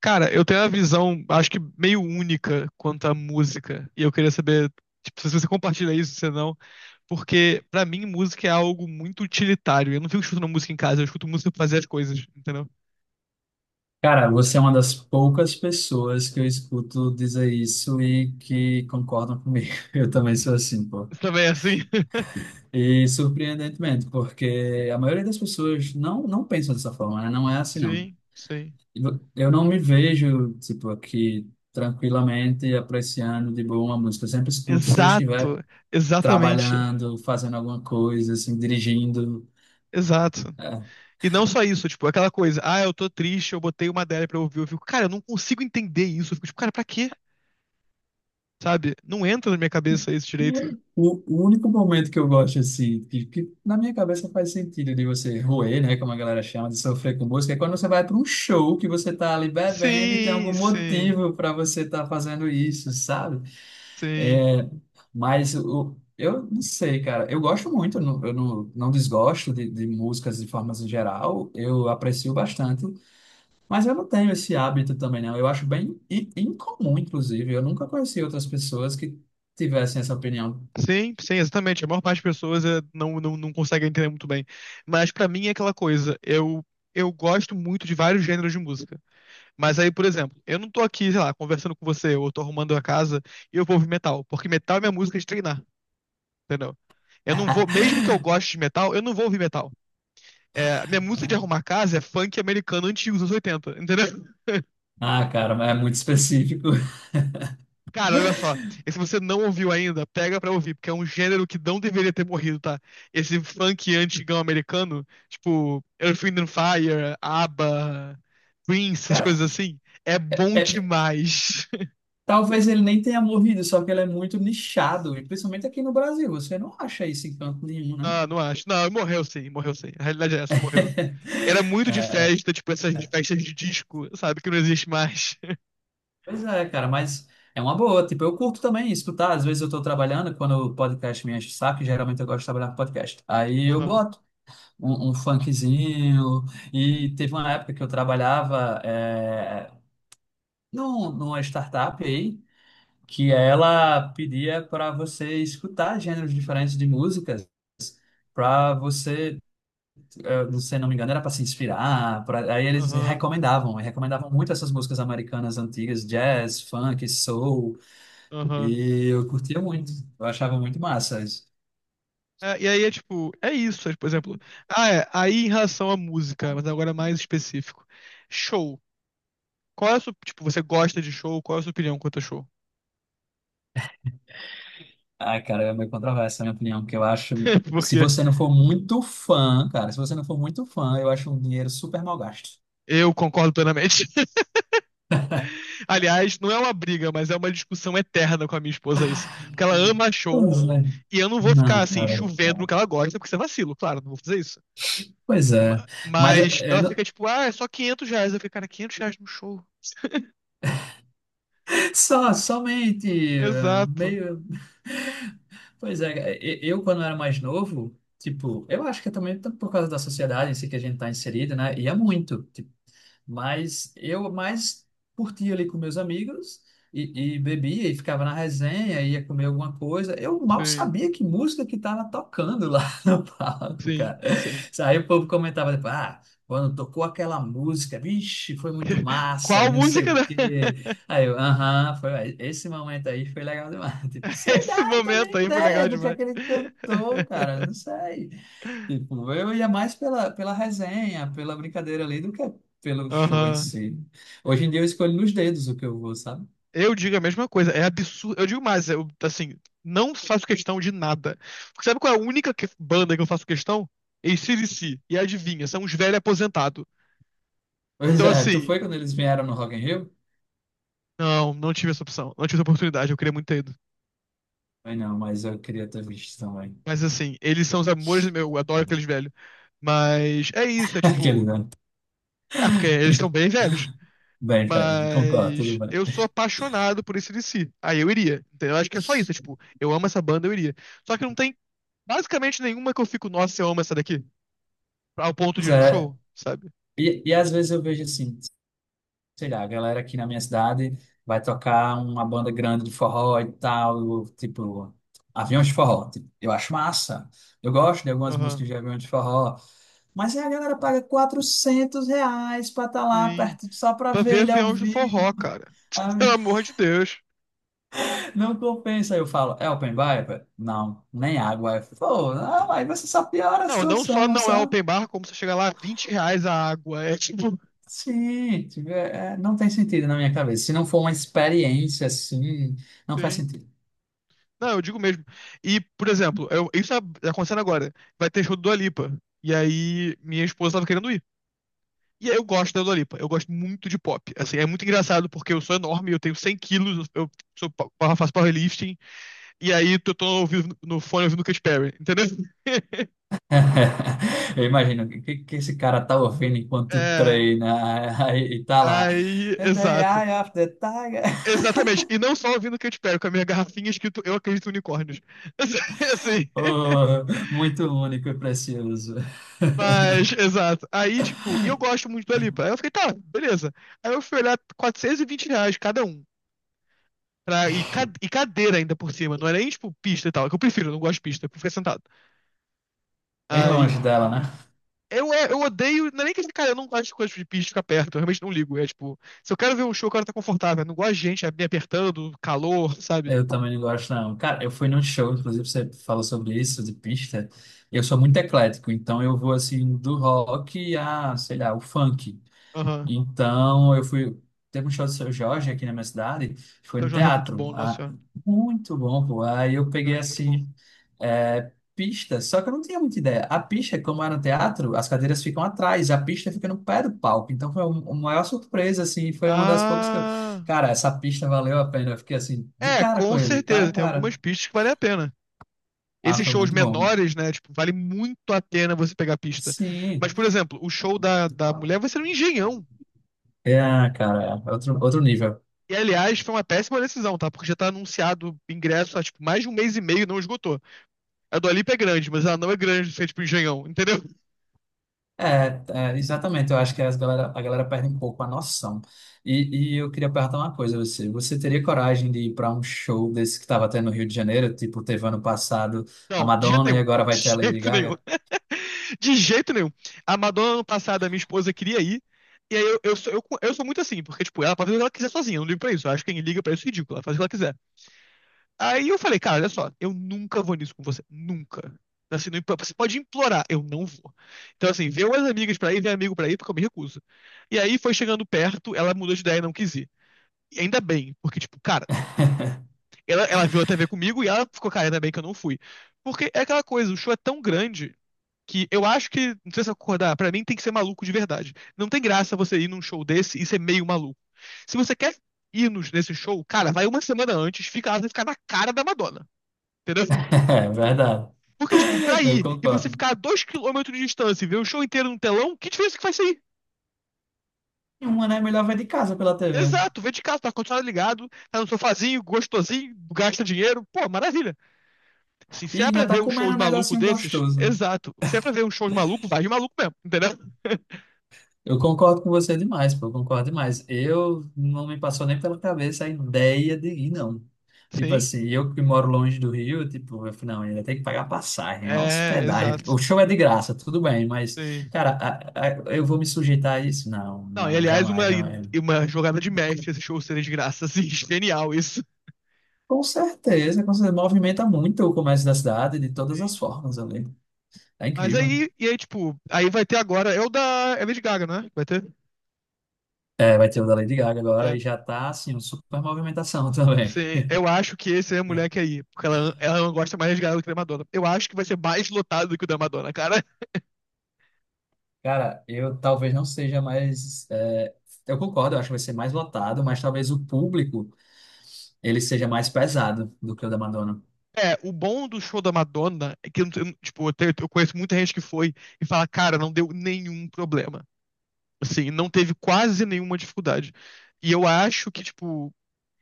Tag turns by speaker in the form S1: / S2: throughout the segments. S1: Cara, eu tenho uma visão, acho que meio única quanto à música. E eu queria saber, tipo, se você compartilha isso, se não. Porque, pra mim, música é algo muito utilitário. Eu não fico escutando música em casa, eu escuto música pra fazer as coisas, entendeu?
S2: Cara, você é uma das poucas pessoas que eu escuto dizer isso e que concordam comigo. Eu também sou assim, pô.
S1: Você também é assim?
S2: E surpreendentemente, porque a maioria das pessoas não pensam dessa forma, né? Não é assim, não.
S1: Sim, sim.
S2: Eu não me vejo, tipo, aqui tranquilamente apreciando de boa uma música. Eu sempre escuto se eu estiver
S1: Exato, exatamente.
S2: trabalhando, fazendo alguma coisa, assim, dirigindo.
S1: Exato.
S2: é,
S1: E não só isso, tipo, aquela coisa, ah, eu tô triste, eu botei uma dela pra ouvir, eu fico, cara, eu não consigo entender isso. Eu fico, tipo, cara, pra quê? Sabe? Não entra na minha cabeça isso direito.
S2: o único momento que eu gosto, assim, que na minha cabeça faz sentido de você roer, né, como a galera chama, de sofrer com música, é quando você vai para um show que você tá ali bebendo e tem
S1: Sim,
S2: algum
S1: sim,
S2: motivo para você estar fazendo isso, sabe?
S1: sim.
S2: É, mas eu não sei, cara. Eu gosto muito, eu não, não desgosto de músicas de formas em geral, eu aprecio bastante, mas eu não tenho esse hábito também, não. Eu acho bem incomum, inclusive. Eu nunca conheci outras pessoas que tivessem essa opinião.
S1: Sim, sim, exatamente. A maior parte das pessoas é, não consegue entender muito bem. Mas pra mim é aquela coisa. Eu gosto muito de vários gêneros de música. Mas aí, por exemplo, eu não tô aqui, sei lá, conversando com você, ou tô arrumando a casa e eu vou ouvir metal. Porque metal é minha música de treinar, entendeu? Eu não vou, mesmo que eu goste de metal, eu não vou ouvir metal. É, minha música de arrumar casa é funk americano antigo, dos anos 80, entendeu?
S2: Ah, cara, mas é muito específico.
S1: Cara, olha só. E se você não ouviu ainda, pega pra ouvir, porque é um gênero que não deveria ter morrido, tá? Esse funk antigão americano, tipo Earth, Wind and Fire, ABBA, Prince, essas
S2: Cara,
S1: coisas assim, é bom
S2: é-
S1: demais.
S2: talvez ele nem tenha morrido, só que ele é muito nichado, e principalmente aqui no Brasil. Você não acha isso em canto nenhum, né?
S1: Ah, não acho. Não, morreu sim, morreu sim. A realidade é essa, morreu. Era muito de
S2: É,
S1: festa, tipo essas festas de disco, sabe? Que não existe mais.
S2: pois é, cara, mas é uma boa. Tipo, eu curto também escutar. Às vezes eu tô trabalhando, quando o podcast me enche o saco, geralmente eu gosto de trabalhar com podcast. Aí eu
S1: Aham,
S2: boto um funkzinho. E teve uma época que eu trabalhava numa startup aí. Que ela pedia para você escutar gêneros diferentes de músicas, para você, se não me engano, era para se inspirar, pra, aí eles
S1: aham,
S2: recomendavam, e recomendavam muito essas músicas americanas antigas, jazz, funk, soul,
S1: aham.
S2: e eu curtia muito, eu achava muito massa isso.
S1: É, e aí é tipo, é isso, é, por exemplo. Ah, é, aí em relação à música, mas agora mais específico. Show. Qual é a sua, tipo, você gosta de show? Qual é a sua opinião quanto a show?
S2: Ah, cara, é meio controversa a minha opinião, porque eu acho,
S1: Porque
S2: se você não for muito fã, eu acho um dinheiro super mal gasto.
S1: eu concordo plenamente. Aliás, não é uma briga, mas é uma discussão eterna com a minha esposa isso. Porque ela ama show
S2: Pois é.
S1: e eu não vou ficar
S2: Não,
S1: assim
S2: cara.
S1: chovendo no que ela gosta, porque isso é vacilo, claro, não vou fazer isso.
S2: Pois é.
S1: Ma-
S2: Mas
S1: Mas
S2: é,
S1: ela fica tipo, ah, é só R$ 500. Eu fico, cara, R$ 500 no show.
S2: só, somente,
S1: Exato.
S2: meio. Pois é, eu quando era mais novo, tipo, eu acho que é também por causa da sociedade em si que a gente está inserido, né? Ia muito. Mas eu mais curtia ali com meus amigos e bebia e ficava na resenha, ia comer alguma coisa. Eu mal
S1: Sim,
S2: sabia que música que estava tocando lá no palco, cara.
S1: sim, sim.
S2: Aí o povo comentava, tipo, ah, quando tocou aquela música, vixe, foi muito massa e
S1: Qual
S2: não sei
S1: música?
S2: o quê. Aí eu, aham, foi, esse momento aí foi legal demais. Tipo, sei
S1: Esse
S2: lá, não tenho nem
S1: momento aí foi
S2: ideia
S1: legal
S2: do que
S1: demais.
S2: aquele cantou, cara, não sei. Tipo, eu ia mais pela resenha, pela brincadeira ali, do que pelo show em
S1: Aham.
S2: si. Hoje em dia eu escolho nos dedos o que eu vou, sabe?
S1: Eu digo a mesma coisa, é absurdo. Eu digo mais, eu, assim, não faço questão de nada. Porque sabe qual é a única banda que eu faço questão? Ac C. E adivinha, são uns velhos aposentados.
S2: Pois
S1: Então,
S2: é, tu
S1: assim,
S2: foi quando eles vieram no Rock in Rio?
S1: não tive essa opção. Não tive essa oportunidade, eu queria muito ter ido.
S2: Foi não, mas eu queria ter visto também.
S1: Mas, assim, eles são os amores do meu, eu adoro aqueles velhos. Mas é isso, é
S2: Aquele
S1: tipo.
S2: não.
S1: É porque eles estão bem velhos.
S2: Bem, velho, me concordo,
S1: Mas
S2: tudo bem.
S1: eu sou apaixonado por esse DC. Aí eu iria. Entendeu? Eu acho que é só isso. É tipo, eu amo essa banda, eu iria. Só que não tem basicamente nenhuma que eu fico, nossa, eu amo essa daqui. Ao ponto de
S2: Pois
S1: ir num
S2: é,
S1: show, sabe?
S2: e às vezes eu vejo assim, sei lá, a galera aqui na minha cidade vai tocar uma banda grande de forró e tal, tipo, Aviões de Forró. Tipo, eu acho massa, eu gosto de algumas
S1: Aham.
S2: músicas de Aviões de Forró, mas aí a galera paga 400 reais para estar lá
S1: Sim.
S2: perto, só para
S1: Pra
S2: ver
S1: ver
S2: ele ao
S1: aviões do
S2: vivo.
S1: forró, cara.
S2: Ah,
S1: Pelo amor de Deus.
S2: não compensa. Aí eu falo, é open bar? Não, nem água. Aí falo, pô, não, aí você só piora a
S1: Não, não só
S2: situação,
S1: não é
S2: sabe?
S1: open bar, como você chega lá, R$ 20 a água. É tipo.
S2: Sim, tipo, é, não tem sentido na minha cabeça. Se não for uma experiência assim, não faz
S1: Sim.
S2: sentido.
S1: Não, eu digo mesmo. E, por exemplo, isso tá acontecendo agora. Vai ter show do Dua Lipa. E aí, minha esposa tava querendo ir. E aí eu gosto da Dolipa, eu gosto muito de pop. Assim, é muito engraçado porque eu sou enorme, eu tenho 100 quilos, eu sou, eu faço powerlifting, e aí eu tô ouvindo, no fone ouvindo Katy Perry, entendeu?
S2: Eu imagino que esse cara tá ouvindo enquanto
S1: É,
S2: treina aí e tá lá.
S1: aí,
S2: The
S1: exato.
S2: Eye of the Tiger.
S1: Exatamente, e não só ouvindo Katy Perry, com a minha garrafinha escrito Eu Acredito em Unicórnios. Assim,
S2: Oh, muito único e precioso.
S1: mas, exato. Aí, tipo, e eu gosto muito da Dua Lipa. Aí eu fiquei, tá, beleza. Aí eu fui olhar R$ 420 cada um. Pra, e, e cadeira ainda por cima, não era nem tipo pista e tal, é que eu prefiro, eu não gosto de pista, eu prefiro ficar sentado.
S2: Bem
S1: Aí
S2: longe dela, né?
S1: eu odeio. Não é nem que, cara, eu não gosto de coisas de bicho ficar perto, eu realmente não ligo. É tipo, se eu quero ver um show, eu quero estar confortável. Eu não gosto de gente me apertando, calor, sabe?
S2: Eu também não gosto, não. Cara, eu fui num show, inclusive você falou sobre isso, de pista. Eu sou muito eclético, então eu vou assim do rock a, sei lá, o funk.
S1: Aham.
S2: Então, eu fui. Teve um show do Seu Jorge aqui na minha cidade, foi
S1: Então o
S2: no
S1: Jorge é muito
S2: teatro.
S1: bom, nossa
S2: Ah,
S1: senhora.
S2: muito bom, pô. Aí eu
S1: O
S2: peguei
S1: Jorge é muito bom.
S2: assim, é, pista, só que eu não tinha muita ideia. A pista, como era no teatro, as cadeiras ficam atrás, a pista fica no pé do palco. Então foi uma maior surpresa, assim, foi uma das poucas que eu.
S1: Ah.
S2: Cara, essa pista valeu a pena. Eu fiquei assim, de
S1: É,
S2: cara com
S1: com
S2: ele, cara a
S1: certeza. Tem
S2: cara.
S1: algumas pistas que valem a pena.
S2: Ah,
S1: Esses
S2: foi
S1: shows
S2: muito bom.
S1: menores, né? Tipo, vale muito a pena você pegar a pista. Mas,
S2: Sim.
S1: por exemplo, o show da mulher vai ser no Engenhão.
S2: É, cara, é outro, outro nível.
S1: E, aliás, foi uma péssima decisão, tá? Porque já tá anunciado ingresso há, tipo, mais de um mês e meio e não esgotou. A Dua Lipa é grande, mas ela não é grande se é tipo engenhão, entendeu?
S2: É, é, exatamente. Eu acho que as galera, a galera perde um pouco a noção. E eu queria perguntar uma coisa a você. Você teria coragem de ir para um show desse que estava tendo no Rio de Janeiro? Tipo, teve ano passado a
S1: Não, de jeito
S2: Madonna e
S1: nenhum.
S2: agora vai ter a
S1: De
S2: Lady
S1: jeito nenhum.
S2: Gaga?
S1: De jeito nenhum. A Madonna, ano passado, a minha esposa queria ir. E aí eu sou muito assim, porque, tipo, ela pode fazer o que ela quiser sozinha, eu não ligo pra isso. Eu acho que quem liga pra isso é ridículo, ela faz o que ela quiser. Aí eu falei, cara, olha só, eu nunca vou nisso com você. Nunca. Assim, não, você pode implorar, eu não vou. Então, assim, vê umas amigas pra ir, vê amigo pra ir, porque eu me recuso. E aí foi chegando perto, ela mudou de ideia e não quis ir. E ainda bem, porque, tipo, cara. Ela viu a TV comigo e ela ficou cara, ainda bem que eu não fui. Porque é aquela coisa, o show é tão grande que eu acho que, não sei se eu concordar, pra mim tem que ser maluco de verdade. Não tem graça você ir num show desse e ser meio maluco. Se você quer ir nesse show, cara, vai uma semana antes, fica lá, você ficar na cara da Madonna. Entendeu?
S2: É verdade.
S1: Porque, tipo, pra
S2: Eu
S1: ir e você
S2: concordo.
S1: ficar a 2 quilômetros de distância e ver o show inteiro no telão, que diferença que faz isso aí?
S2: E uma, né? Melhor vai de casa pela TV.
S1: Exato, vê de casa, tá com o ar-condicionado ligado, tá no sofazinho, gostosinho, gasta dinheiro, pô, maravilha. Assim,
S2: E
S1: se é pra
S2: ainda tá
S1: ver um show
S2: comendo
S1: de
S2: um
S1: maluco
S2: negocinho
S1: desses,
S2: gostoso, né?
S1: exato. Se é pra ver um show de maluco, vai de maluco mesmo, entendeu?
S2: Eu concordo com você demais, pô, eu concordo demais. Eu não me passou nem pela cabeça a ideia de ir, não. Tipo
S1: Sim,
S2: assim, eu que moro longe do Rio, tipo, eu falei, não, ainda tem que pagar passagem, é
S1: é,
S2: hospedagem.
S1: exato.
S2: O show é de graça, tudo bem, mas,
S1: Sim.
S2: cara, eu vou me sujeitar a isso? Não,
S1: Não, e
S2: não,
S1: aliás, uma,
S2: jamais,
S1: e
S2: jamais.
S1: uma jogada de mestre esse show seria de graça, assim, genial isso.
S2: Com certeza, com certeza. Movimenta muito o comércio da cidade de todas
S1: Sim.
S2: as formas ali. Tá
S1: Mas
S2: incrível.
S1: aí, e aí, tipo, aí vai ter agora, é o da Lady Gaga, né? Vai ter?
S2: É, vai ter o da Lady Gaga agora
S1: É.
S2: e já tá, assim, uma super movimentação também.
S1: Sim, eu acho que esse é a mulher que é aí, porque ela gosta mais de Gaga do que da Madonna. Eu acho que vai ser mais lotado do que o da Madonna, cara.
S2: Cara, eu talvez não seja mais. É, eu concordo, eu acho que vai ser mais lotado, mas talvez o público ele seja mais pesado do que o da Madonna.
S1: É, o bom do show da Madonna é que eu, não- eu, tipo, eu, tenho- eu conheço muita gente que foi e fala, cara, não deu nenhum problema. Assim, não teve quase nenhuma dificuldade. E eu acho que, tipo,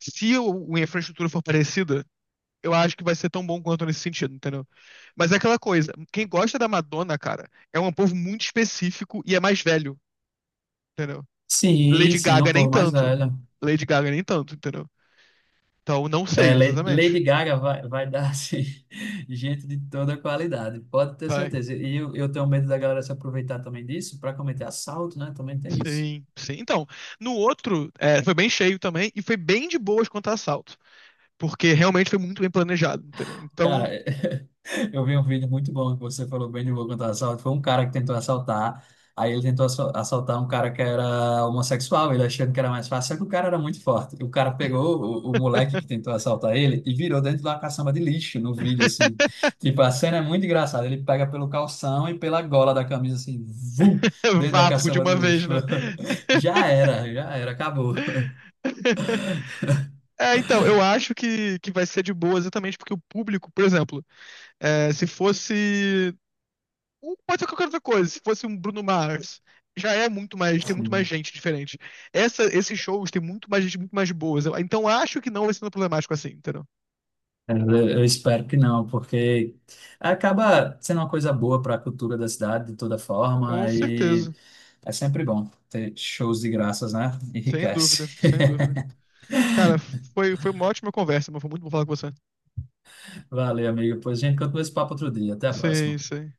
S1: se a infraestrutura for parecida, eu acho que vai ser tão bom quanto nesse sentido, entendeu? Mas é aquela coisa, quem gosta da Madonna, cara, é um povo muito específico e é mais velho, entendeu?
S2: Sim,
S1: Lady
S2: sim, é um
S1: Gaga nem
S2: povo mais
S1: tanto.
S2: velho.
S1: Lady Gaga nem tanto, entendeu? Então, não
S2: É,
S1: sei exatamente.
S2: Lady Gaga vai dar assim, gente de toda qualidade, pode ter
S1: Vai.
S2: certeza. Eu tenho medo da galera se aproveitar também disso para cometer assalto, né? Também tem isso.
S1: Sim, sim. Então, no outro, foi bem cheio também e foi bem de boas quanto a assalto, porque realmente foi muito bem planejado, entendeu?
S2: Cara,
S1: Então,
S2: eu vi um vídeo muito bom que você falou bem de Logan do assalto. Foi um cara que tentou assaltar. Aí ele tentou assaltar um cara que era homossexual, ele achando que era mais fácil, só que o cara era muito forte. O cara pegou o moleque que tentou assaltar ele e virou dentro de uma caçamba de lixo no vídeo, assim. Tipo, a cena é muito engraçada. Ele pega pelo calção e pela gola da camisa, assim, vum, dentro da
S1: vapo de
S2: caçamba
S1: uma
S2: de
S1: vez,
S2: lixo.
S1: né?
S2: Já era, acabou.
S1: É, então, eu acho que vai ser de boa exatamente porque o público, por exemplo, se fosse. Ou pode ser qualquer outra coisa, se fosse um Bruno Mars, já é muito mais, tem muito mais
S2: Sim.
S1: gente diferente. Esses shows tem muito mais gente, muito mais boas. Então, acho que não vai ser tão problemático assim, entendeu?
S2: Eu espero que não, porque acaba sendo uma coisa boa para a cultura da cidade de toda
S1: Com
S2: forma e
S1: certeza.
S2: é sempre bom ter shows de graças, né?
S1: Sem dúvida,
S2: Enriquece.
S1: sem dúvida. Cara, foi uma ótima conversa, mas foi muito bom falar com você.
S2: Valeu, amigo. Pois a gente continua esse papo outro dia. Até a
S1: Sim,
S2: próxima.
S1: sim.